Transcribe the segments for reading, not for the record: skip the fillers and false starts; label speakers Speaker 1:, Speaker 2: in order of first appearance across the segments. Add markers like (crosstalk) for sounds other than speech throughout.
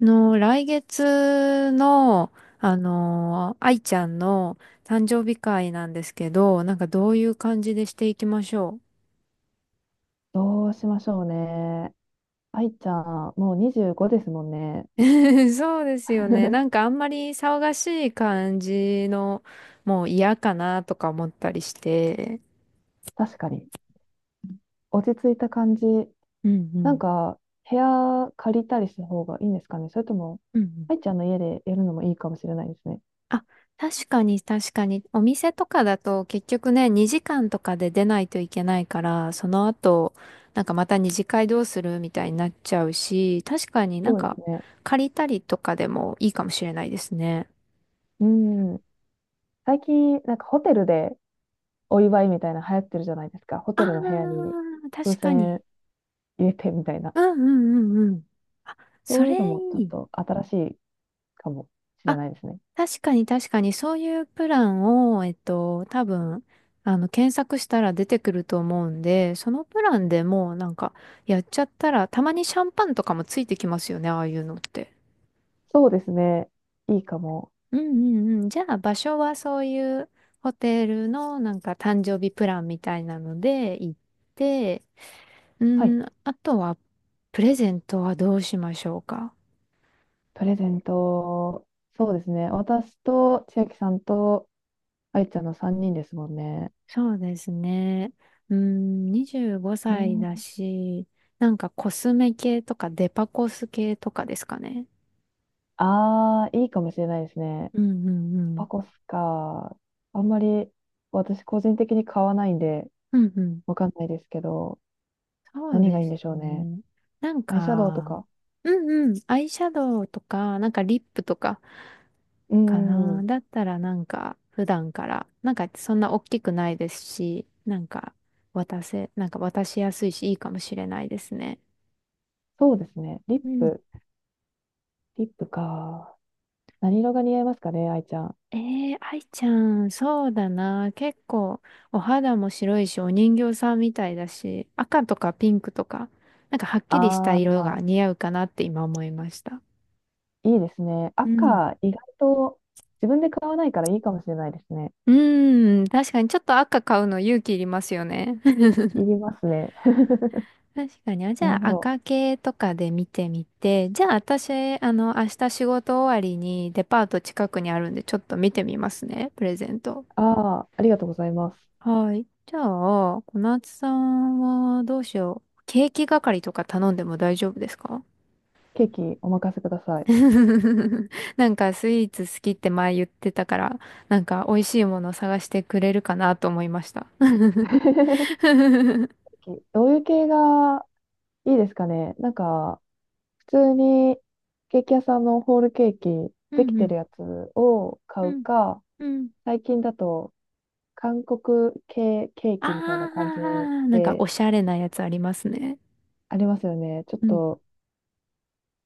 Speaker 1: の、来月の、あの愛ちゃんの誕生日会なんですけど、なんかどういう感じでしていきましょう。
Speaker 2: どうしましょうね。愛ちゃん、もう25ですもんね。
Speaker 1: (laughs) そうですよね。なんか
Speaker 2: (laughs)
Speaker 1: あんまり騒がしい感じの、もう嫌かなとか思ったりして。
Speaker 2: 確かに。落ち着いた感じ。
Speaker 1: うんう
Speaker 2: なん
Speaker 1: ん。
Speaker 2: か、部屋借りたりした方がいいんですかね。それとも、
Speaker 1: うんうん。
Speaker 2: 愛ちゃんの家でやるのもいいかもしれないですね。
Speaker 1: あ、確かに確かに。お店とかだと結局ね、2時間とかで出ないといけないから、その後、なんかまた二次会どうするみたいになっちゃうし、確かになん
Speaker 2: そうで
Speaker 1: か
Speaker 2: すね。
Speaker 1: 借りたりとかでもいいかもしれないですね。
Speaker 2: うん。最近、なんかホテルでお祝いみたいな流行ってるじゃないですか。ホ
Speaker 1: あ
Speaker 2: テ
Speaker 1: あ、
Speaker 2: ルの部屋に風
Speaker 1: 確かに。
Speaker 2: 船入れてみたいな。
Speaker 1: うんうんうんうん。そ
Speaker 2: そうい
Speaker 1: れ
Speaker 2: うのもちょ
Speaker 1: い
Speaker 2: っ
Speaker 1: い。
Speaker 2: と新しいかもしれ
Speaker 1: あ、
Speaker 2: ないですね。
Speaker 1: 確かに確かに、そういうプランを、多分、検索したら出てくると思うんで、そのプランでもうなんか、やっちゃったら、たまにシャンパンとかもついてきますよね、ああいうのって。
Speaker 2: そうですね。いいかも。
Speaker 1: うんうんうん。じゃあ、場所はそういうホテルのなんか誕生日プランみたいなので行って、う
Speaker 2: はい。
Speaker 1: ん、あとは、プレゼントはどうしましょうか。
Speaker 2: プレゼント、そうですね。私と千秋さんと愛ちゃんの3人ですもんね。
Speaker 1: そうですね。うん、25
Speaker 2: ど
Speaker 1: 歳
Speaker 2: う、
Speaker 1: だし、なんかコスメ系とかデパコス系とかですかね。
Speaker 2: ああ、いいかもしれないですね。
Speaker 1: うんうんう
Speaker 2: パ
Speaker 1: ん。
Speaker 2: コスか。あんまり私個人的に買わないんで、
Speaker 1: うんうん。
Speaker 2: わかんないですけど、
Speaker 1: そう
Speaker 2: 何がい
Speaker 1: で
Speaker 2: いん
Speaker 1: す
Speaker 2: でしょうね。
Speaker 1: ね。なん
Speaker 2: アイシャドウと
Speaker 1: か、
Speaker 2: か。
Speaker 1: うんうん。アイシャドウとか、なんかリップとか
Speaker 2: う
Speaker 1: か
Speaker 2: ーん、
Speaker 1: な。だったらなんか普段から、なんかそんな大きくないですし、なんか渡せ、なんか渡しやすいしいいかもしれないですね。
Speaker 2: そうですね。リッ
Speaker 1: うん。
Speaker 2: プ。リップか。何色が似合いますかね、愛ちゃん。
Speaker 1: ええー愛ちゃん、そうだな。結構、お肌も白いし、お人形さんみたいだし、赤とかピンクとか、なんかはっきりした
Speaker 2: あ
Speaker 1: 色が
Speaker 2: あ、
Speaker 1: 似合うかなって今思いました。
Speaker 2: いいですね。
Speaker 1: うん。
Speaker 2: 赤、意外と自分で買わないからいいかもしれないですね。
Speaker 1: うーん、確かにちょっと赤買うの勇気いりますよね。(laughs)
Speaker 2: いりますね。
Speaker 1: 確かに。あ、じ
Speaker 2: な
Speaker 1: ゃ
Speaker 2: るほ
Speaker 1: あ
Speaker 2: ど。
Speaker 1: 赤系とかで見てみて、じゃあ私、明日仕事終わりにデパート近くにあるんで、ちょっと見てみますね、プレゼント。
Speaker 2: ああ、ありがとうございます。
Speaker 1: はい。じゃあ、小夏さんはどうしよう。ケーキ係とか頼んでも大丈夫ですか？
Speaker 2: ケーキお任せください。
Speaker 1: (laughs) なんかスイーツ好きって前言ってたから、なんか美味しいものを探してくれるかなと思いました。(laughs) う
Speaker 2: (laughs)
Speaker 1: ん
Speaker 2: ケーキどういう系がいいですかね、普通にケーキ屋さんのホールケーキ
Speaker 1: う
Speaker 2: できて
Speaker 1: ん。
Speaker 2: るやつを買
Speaker 1: う
Speaker 2: う
Speaker 1: ん。
Speaker 2: か、
Speaker 1: うん。
Speaker 2: 最近だと韓国系ケー
Speaker 1: あ
Speaker 2: キみたいな感じ
Speaker 1: あ、なんかお
Speaker 2: で
Speaker 1: しゃれなやつありますね。
Speaker 2: ありますよね。ちょっ
Speaker 1: うん。
Speaker 2: と、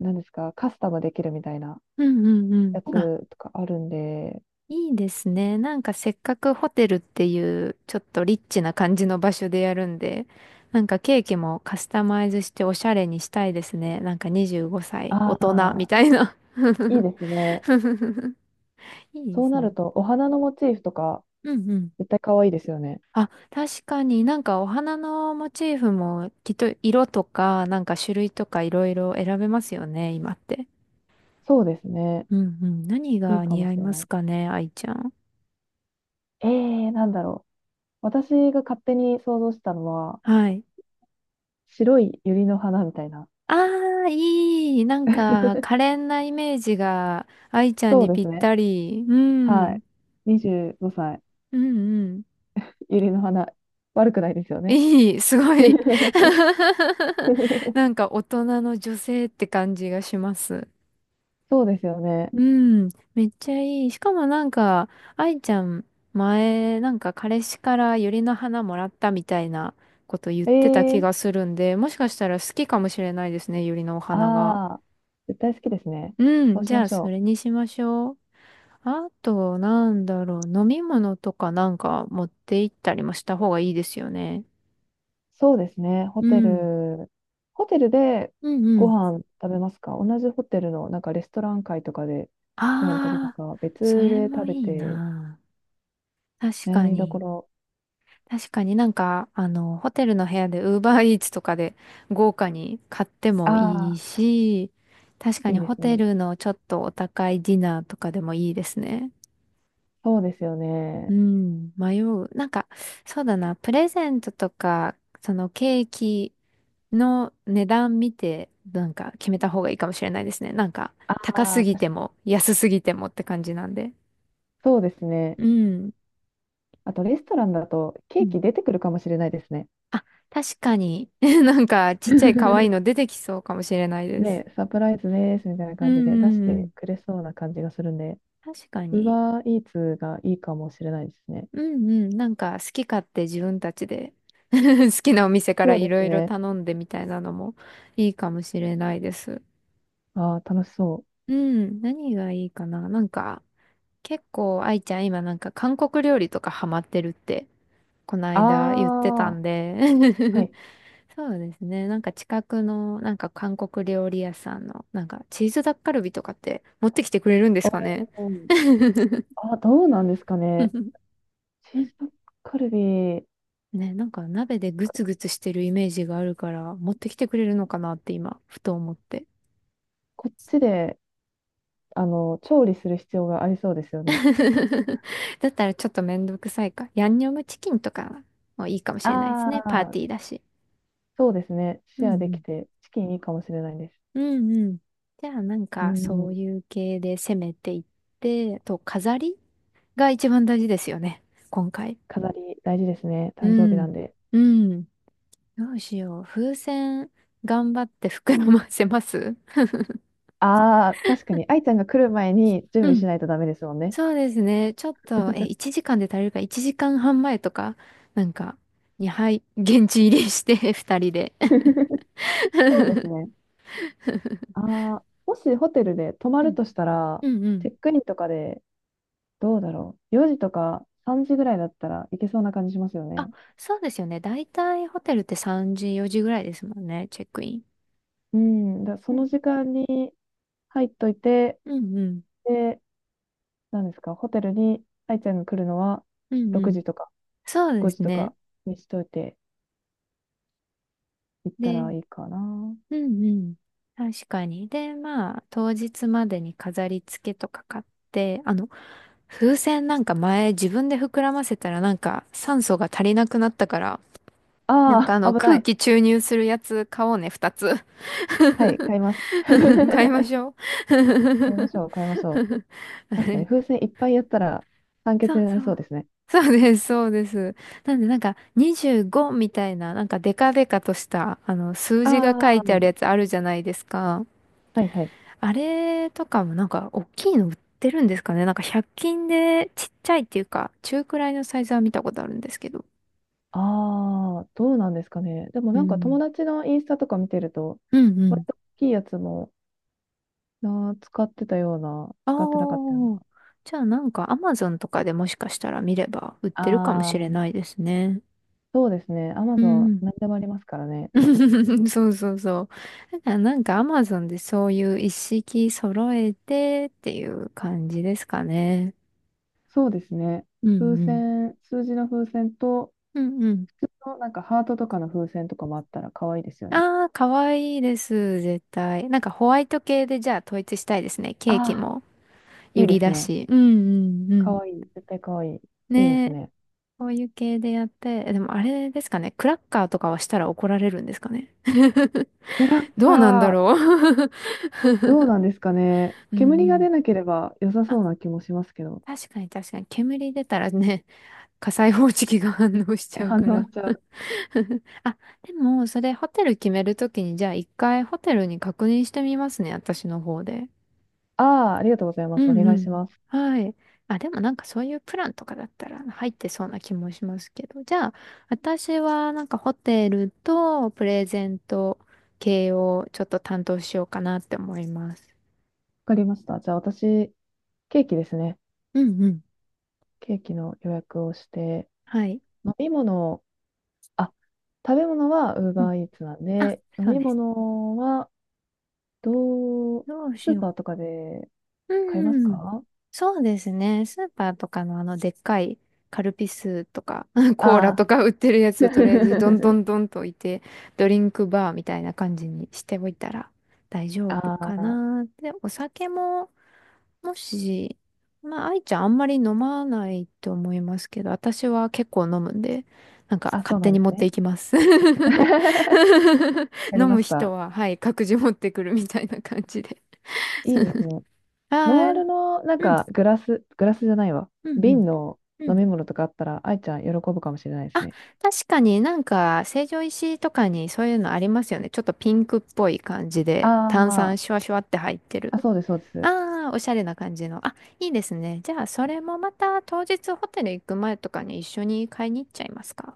Speaker 2: 何ですか、カスタムできるみたいな
Speaker 1: うんうんうん。
Speaker 2: やつ
Speaker 1: あ、
Speaker 2: とかあるんで、
Speaker 1: いいですね。なんかせっかくホテルっていうちょっとリッチな感じの場所でやるんで、なんかケーキもカスタマイズしておしゃれにしたいですね。なんか25歳大
Speaker 2: あ
Speaker 1: 人み
Speaker 2: あ、
Speaker 1: たいな。
Speaker 2: いいですね。
Speaker 1: (laughs) いいで
Speaker 2: そう
Speaker 1: す
Speaker 2: な
Speaker 1: ね。
Speaker 2: ると、お花のモチーフとか
Speaker 1: うんうん。
Speaker 2: 絶対可愛いですよね。
Speaker 1: あ、確かになんかお花のモチーフもきっと色とかなんか種類とかいろいろ選べますよね、今って。
Speaker 2: そうですね。
Speaker 1: うんうん。何
Speaker 2: いい
Speaker 1: が
Speaker 2: か
Speaker 1: 似
Speaker 2: も
Speaker 1: 合
Speaker 2: し
Speaker 1: い
Speaker 2: れ
Speaker 1: ま
Speaker 2: な
Speaker 1: す
Speaker 2: い。
Speaker 1: かね、愛ちゃん。
Speaker 2: えー、なんだろう。私が勝手に想像したのは、
Speaker 1: はい。
Speaker 2: 白い百合の花みたいな。
Speaker 1: ああ、いい。なんか、可
Speaker 2: (laughs)
Speaker 1: 憐なイメージが、愛ちゃん
Speaker 2: そう
Speaker 1: に
Speaker 2: で
Speaker 1: ぴっ
Speaker 2: すね。
Speaker 1: たり。う
Speaker 2: は
Speaker 1: ん。
Speaker 2: い。25歳、
Speaker 1: うんうん。
Speaker 2: 百合の花。悪くないですよね。
Speaker 1: いい。(laughs) すごい。
Speaker 2: (laughs)
Speaker 1: (laughs) なんか、大人の女性って感じがします。
Speaker 2: そうですよね。
Speaker 1: うん。めっちゃいい。しかもなんか、愛ちゃん、前、なんか、彼氏から百合の花もらったみたいなこと言っ
Speaker 2: え
Speaker 1: てた気
Speaker 2: ー、
Speaker 1: がするんで、もしかしたら好きかもしれないですね、百合のお
Speaker 2: あ
Speaker 1: 花が。
Speaker 2: あ、絶対好きですね。
Speaker 1: う
Speaker 2: そ
Speaker 1: ん。
Speaker 2: うし
Speaker 1: じゃ
Speaker 2: ま
Speaker 1: あ、
Speaker 2: し
Speaker 1: そ
Speaker 2: ょ
Speaker 1: れ
Speaker 2: う。
Speaker 1: にしましょう。あと、なんだろう、飲み物とかなんか持って行ったりもした方がいいですよね。
Speaker 2: そうですね。ホ
Speaker 1: う
Speaker 2: テ
Speaker 1: ん。
Speaker 2: ル、ホテルで
Speaker 1: うんう
Speaker 2: ご
Speaker 1: ん。
Speaker 2: 飯食べますか、同じホテルのなんかレストラン会とかでご飯食べた
Speaker 1: ああ、
Speaker 2: か、
Speaker 1: そ
Speaker 2: 別
Speaker 1: れ
Speaker 2: で
Speaker 1: も
Speaker 2: 食べ
Speaker 1: いい
Speaker 2: て
Speaker 1: な。確
Speaker 2: 悩
Speaker 1: か
Speaker 2: みどこ
Speaker 1: に。
Speaker 2: ろ。
Speaker 1: 確かになんか、ホテルの部屋でウーバーイーツとかで豪華に買って
Speaker 2: あ
Speaker 1: もいい
Speaker 2: あ、
Speaker 1: し、確か
Speaker 2: い
Speaker 1: に
Speaker 2: いで
Speaker 1: ホ
Speaker 2: す
Speaker 1: テ
Speaker 2: ね。
Speaker 1: ルのちょっとお高いディナーとかでもいいですね。
Speaker 2: そうですよ
Speaker 1: う
Speaker 2: ね。
Speaker 1: ん、迷う。なんか、そうだな、プレゼントとか、そのケーキ、の値段見て、なんか決めた方がいいかもしれないですね。なんか、
Speaker 2: あ
Speaker 1: 高す
Speaker 2: あ、確
Speaker 1: ぎて
Speaker 2: かに。
Speaker 1: も、安すぎてもって感じなんで。
Speaker 2: そうですね。
Speaker 1: うん。
Speaker 2: あとレストランだとケ
Speaker 1: う
Speaker 2: ー
Speaker 1: ん。
Speaker 2: キ出てくるかもしれないですね。
Speaker 1: あ、確かに。(laughs) なんか、ちっちゃい可愛いの
Speaker 2: (laughs)
Speaker 1: 出てきそうかもしれないです。
Speaker 2: ね、サプライズですみたいな
Speaker 1: うん
Speaker 2: 感じ
Speaker 1: う
Speaker 2: で出し
Speaker 1: んう
Speaker 2: て
Speaker 1: ん。
Speaker 2: くれそうな感じがするんで、
Speaker 1: 確か
Speaker 2: ウーバ
Speaker 1: に。
Speaker 2: ーイーツがいいかもしれないですね。
Speaker 1: うんうん。なんか、好き勝手自分たちで (laughs) 好きなお店から
Speaker 2: そう
Speaker 1: い
Speaker 2: で
Speaker 1: ろ
Speaker 2: す
Speaker 1: いろ
Speaker 2: ね。
Speaker 1: 頼んでみたいなのもいいかもしれないです。
Speaker 2: ああ、楽しそう。
Speaker 1: うん。何がいいかな。なんか、結構、愛ちゃん今なんか韓国料理とかハマってるってこの
Speaker 2: あ
Speaker 1: 間言ってた
Speaker 2: あ、
Speaker 1: んで。
Speaker 2: は
Speaker 1: (laughs)
Speaker 2: い。
Speaker 1: そうですね。なんか近くの、なんか韓国料理屋さんの、なんかチーズタッカルビとかって持ってきてくれるんですかね？
Speaker 2: おー、
Speaker 1: (laughs)
Speaker 2: あ、どうなんですかね。チーズタッカルビ、
Speaker 1: ね、なんか鍋でグ
Speaker 2: こ
Speaker 1: ツグツしてるイメージがあるから、持ってきてくれるのかなって今、ふと思って。
Speaker 2: こっちで、あの、調理する必要がありそうですよね。
Speaker 1: (laughs) だったらちょっとめんどくさいか。ヤンニョムチキンとかもいいかもし
Speaker 2: あ
Speaker 1: れないですね。パーティー
Speaker 2: あ、
Speaker 1: だし。
Speaker 2: そうですね。
Speaker 1: うん
Speaker 2: シェアで
Speaker 1: う
Speaker 2: き
Speaker 1: ん
Speaker 2: て、チキンいいかもしれないです。
Speaker 1: うんうん。じゃあなん
Speaker 2: う
Speaker 1: かそう
Speaker 2: ん、
Speaker 1: いう系で攻めていって、と飾りが一番大事ですよね。今回。
Speaker 2: 飾り大事ですね。
Speaker 1: う
Speaker 2: 誕生日な
Speaker 1: ん。
Speaker 2: んで。
Speaker 1: うん。どうしよう。風船頑張って膨らませます。
Speaker 2: ああ、確かに、愛ちゃんが来る前に準
Speaker 1: う
Speaker 2: 備
Speaker 1: ん。
Speaker 2: しないとダメですもんね。
Speaker 1: そうですね。ちょっと、1時間で足りるか1時間半前とか、なんか、に、はい、現地入りして2人 (laughs) で。
Speaker 2: (laughs) そうですね。ああ、もしホテルで泊ま
Speaker 1: う
Speaker 2: る
Speaker 1: ん
Speaker 2: としたら、
Speaker 1: うんう
Speaker 2: チ
Speaker 1: ん。
Speaker 2: ェックインとかで、どうだろう。4時とか3時ぐらいだったらいけそうな感じしますよ
Speaker 1: あ、
Speaker 2: ね。
Speaker 1: そうですよね。だいたいホテルって3時、4時ぐらいですもんね。チェックイン。
Speaker 2: うん。だそ
Speaker 1: うん
Speaker 2: の時間に入っといて、
Speaker 1: うんうん。
Speaker 2: で、何ですか、ホテルに愛ちゃんが来るのは
Speaker 1: うんう
Speaker 2: 6
Speaker 1: ん。
Speaker 2: 時とか
Speaker 1: そうで
Speaker 2: 5時
Speaker 1: す
Speaker 2: と
Speaker 1: ね。
Speaker 2: かにしといて行ったら
Speaker 1: で、
Speaker 2: いいかな。
Speaker 1: うんうん。確かに。で、まあ、当日までに飾り付けとか買って、風船なんか前自分で膨らませたらなんか酸素が足りなくなったから、なん
Speaker 2: あ
Speaker 1: かあ
Speaker 2: あ、
Speaker 1: の
Speaker 2: 危な
Speaker 1: 空
Speaker 2: い。
Speaker 1: 気注入するやつ買おうね、二つ。
Speaker 2: はい、買います。
Speaker 1: (laughs) 買いまし
Speaker 2: (laughs)
Speaker 1: ょう。
Speaker 2: 買いましょう、買いましょ
Speaker 1: (laughs) あ
Speaker 2: う。確かに
Speaker 1: れ、
Speaker 2: 風船いっぱいやったら酸
Speaker 1: そ
Speaker 2: 欠に
Speaker 1: う
Speaker 2: なり
Speaker 1: そ
Speaker 2: そう
Speaker 1: う。
Speaker 2: ですね。
Speaker 1: そうです、そうです。なんで、なんか、25みたいな、なんか、デカデカとした、数字が
Speaker 2: あ
Speaker 1: 書いてあ
Speaker 2: あ、
Speaker 1: るやつあるじゃないですか。
Speaker 2: はいはい。
Speaker 1: あれとかも、なんか、大きいの売ってるんですかね。なんか、100均で、ちっちゃいっていうか、中くらいのサイズは見たことあるんですけど。
Speaker 2: ああ、どうなんですかね。でも
Speaker 1: う
Speaker 2: なんか友
Speaker 1: ん。
Speaker 2: 達のインスタとか見てると、
Speaker 1: うんうん。
Speaker 2: 割と大きいやつもあー使ってたような、
Speaker 1: あ
Speaker 2: 使ってなかったよう
Speaker 1: あ。
Speaker 2: な。
Speaker 1: じゃあ、なんか、アマゾンとかでもしかしたら見れば、売ってるかも
Speaker 2: ああ、
Speaker 1: しれないですね。
Speaker 2: そうですね。アマ
Speaker 1: う
Speaker 2: ゾン、
Speaker 1: ん。
Speaker 2: 何でもありますからね。
Speaker 1: (laughs) そうそうそう。だからなんかアマゾンでそういう一式揃えてっていう感じですかね。
Speaker 2: そうですね。
Speaker 1: う
Speaker 2: 風
Speaker 1: んうん。
Speaker 2: 船、数字の風船と、
Speaker 1: うんうん。
Speaker 2: 普通のなんかハートとかの風船とかもあったら可愛いですよね。
Speaker 1: ああ、かわいいです、絶対。なんかホワイト系でじゃあ統一したいですね。
Speaker 2: あ
Speaker 1: ケーキ
Speaker 2: あ、
Speaker 1: も
Speaker 2: い
Speaker 1: ユ
Speaker 2: い
Speaker 1: リ
Speaker 2: です
Speaker 1: だ
Speaker 2: ね。
Speaker 1: し。うんうんうん。
Speaker 2: 可愛い。絶対可愛い。いいで
Speaker 1: ね
Speaker 2: す
Speaker 1: え、
Speaker 2: ね。
Speaker 1: こういう系でやって。でもあれですかね。クラッカーとかはしたら怒られるんですかね。(laughs)
Speaker 2: クラッ
Speaker 1: どうなんだ
Speaker 2: カー、
Speaker 1: ろう。(laughs)
Speaker 2: どうなんですかね。
Speaker 1: うん
Speaker 2: 煙
Speaker 1: う
Speaker 2: が出
Speaker 1: ん。
Speaker 2: なければ良さ
Speaker 1: あ、
Speaker 2: そうな気もしますけど。
Speaker 1: 確かに確かに。煙出たらね。火災報知器が反応し
Speaker 2: え、
Speaker 1: ちゃう
Speaker 2: 反
Speaker 1: か
Speaker 2: 応
Speaker 1: ら。
Speaker 2: しちゃう。
Speaker 1: (laughs) あ、でも、それホテル決めるときに、じゃあ一回ホテルに確認してみますね、私の方で。
Speaker 2: ああ、ありがとうございま
Speaker 1: う
Speaker 2: す。お
Speaker 1: ん
Speaker 2: 願
Speaker 1: う
Speaker 2: いし
Speaker 1: ん。
Speaker 2: ます。わ
Speaker 1: はい。あ、でもなんかそういうプランとかだったら入ってそうな気もしますけど。じゃあ、私はなんかホテルとプレゼント系をちょっと担当しようかなって思います。
Speaker 2: かりました。じゃあ私、ケーキですね。
Speaker 1: うんうん。
Speaker 2: ケーキの予約をして、
Speaker 1: はい。
Speaker 2: 飲み物、あ、食べ物は
Speaker 1: うん。
Speaker 2: Uber Eats なん
Speaker 1: あ、
Speaker 2: で、飲
Speaker 1: そう
Speaker 2: み
Speaker 1: です。
Speaker 2: 物は、どう、
Speaker 1: どう
Speaker 2: ス
Speaker 1: し
Speaker 2: ー
Speaker 1: よう。
Speaker 2: パーとかで買います
Speaker 1: うん。
Speaker 2: か。
Speaker 1: そうですね。スーパーとかのあのでっかいカルピスとか、(laughs) コーラ
Speaker 2: ああ
Speaker 1: とか売ってるやつをとりあえずどんど
Speaker 2: ー。
Speaker 1: ん
Speaker 2: (laughs)
Speaker 1: どんと置いて、ドリンクバーみたいな感じにしておいたら大丈
Speaker 2: あ
Speaker 1: 夫か
Speaker 2: あ、
Speaker 1: な。で、お酒も、もし、まあ、愛ちゃんあんまり飲まないと思いますけど、私は結構飲むんで、なんか
Speaker 2: あ、そ
Speaker 1: 勝
Speaker 2: う
Speaker 1: 手
Speaker 2: なん
Speaker 1: に
Speaker 2: で
Speaker 1: 持
Speaker 2: す
Speaker 1: って
Speaker 2: ね。
Speaker 1: いきます。(laughs) 飲
Speaker 2: (laughs) やりま
Speaker 1: む
Speaker 2: し
Speaker 1: 人
Speaker 2: た。
Speaker 1: は、はい、各自持ってくるみたいな感じで。
Speaker 2: いいですね。
Speaker 1: あ
Speaker 2: ノン
Speaker 1: あ、う
Speaker 2: ア
Speaker 1: ん、
Speaker 2: ルの、なんか、グラス、グラスじゃないわ。
Speaker 1: うん、うん。
Speaker 2: 瓶の
Speaker 1: う
Speaker 2: 飲
Speaker 1: ん。
Speaker 2: み物とかあったら、愛ちゃん喜ぶかもしれないです
Speaker 1: あ、
Speaker 2: ね。
Speaker 1: 確かになんか成城石井とかにそういうのありますよね。ちょっとピンクっぽい感じで炭
Speaker 2: あ
Speaker 1: 酸シュワシュワって入って
Speaker 2: あ、あ、
Speaker 1: る。
Speaker 2: そうです、そうです。
Speaker 1: ああ、おしゃれな感じの。あ、いいですね。じゃあそれもまた当日ホテル行く前とかに一緒に買いに行っちゃいますか。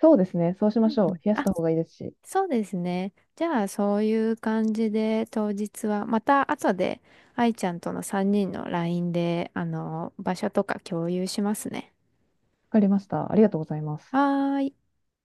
Speaker 2: そうですね。そうし
Speaker 1: う
Speaker 2: まし
Speaker 1: ん
Speaker 2: ょ
Speaker 1: う
Speaker 2: う。
Speaker 1: ん。
Speaker 2: 冷や
Speaker 1: あ、
Speaker 2: した方がいいですし。わ
Speaker 1: そうですね。じゃあそういう感じで当日はまた後で愛ちゃんとの3人の LINE であの場所とか共有しますね。
Speaker 2: かりました。ありがとうございます。
Speaker 1: はーい。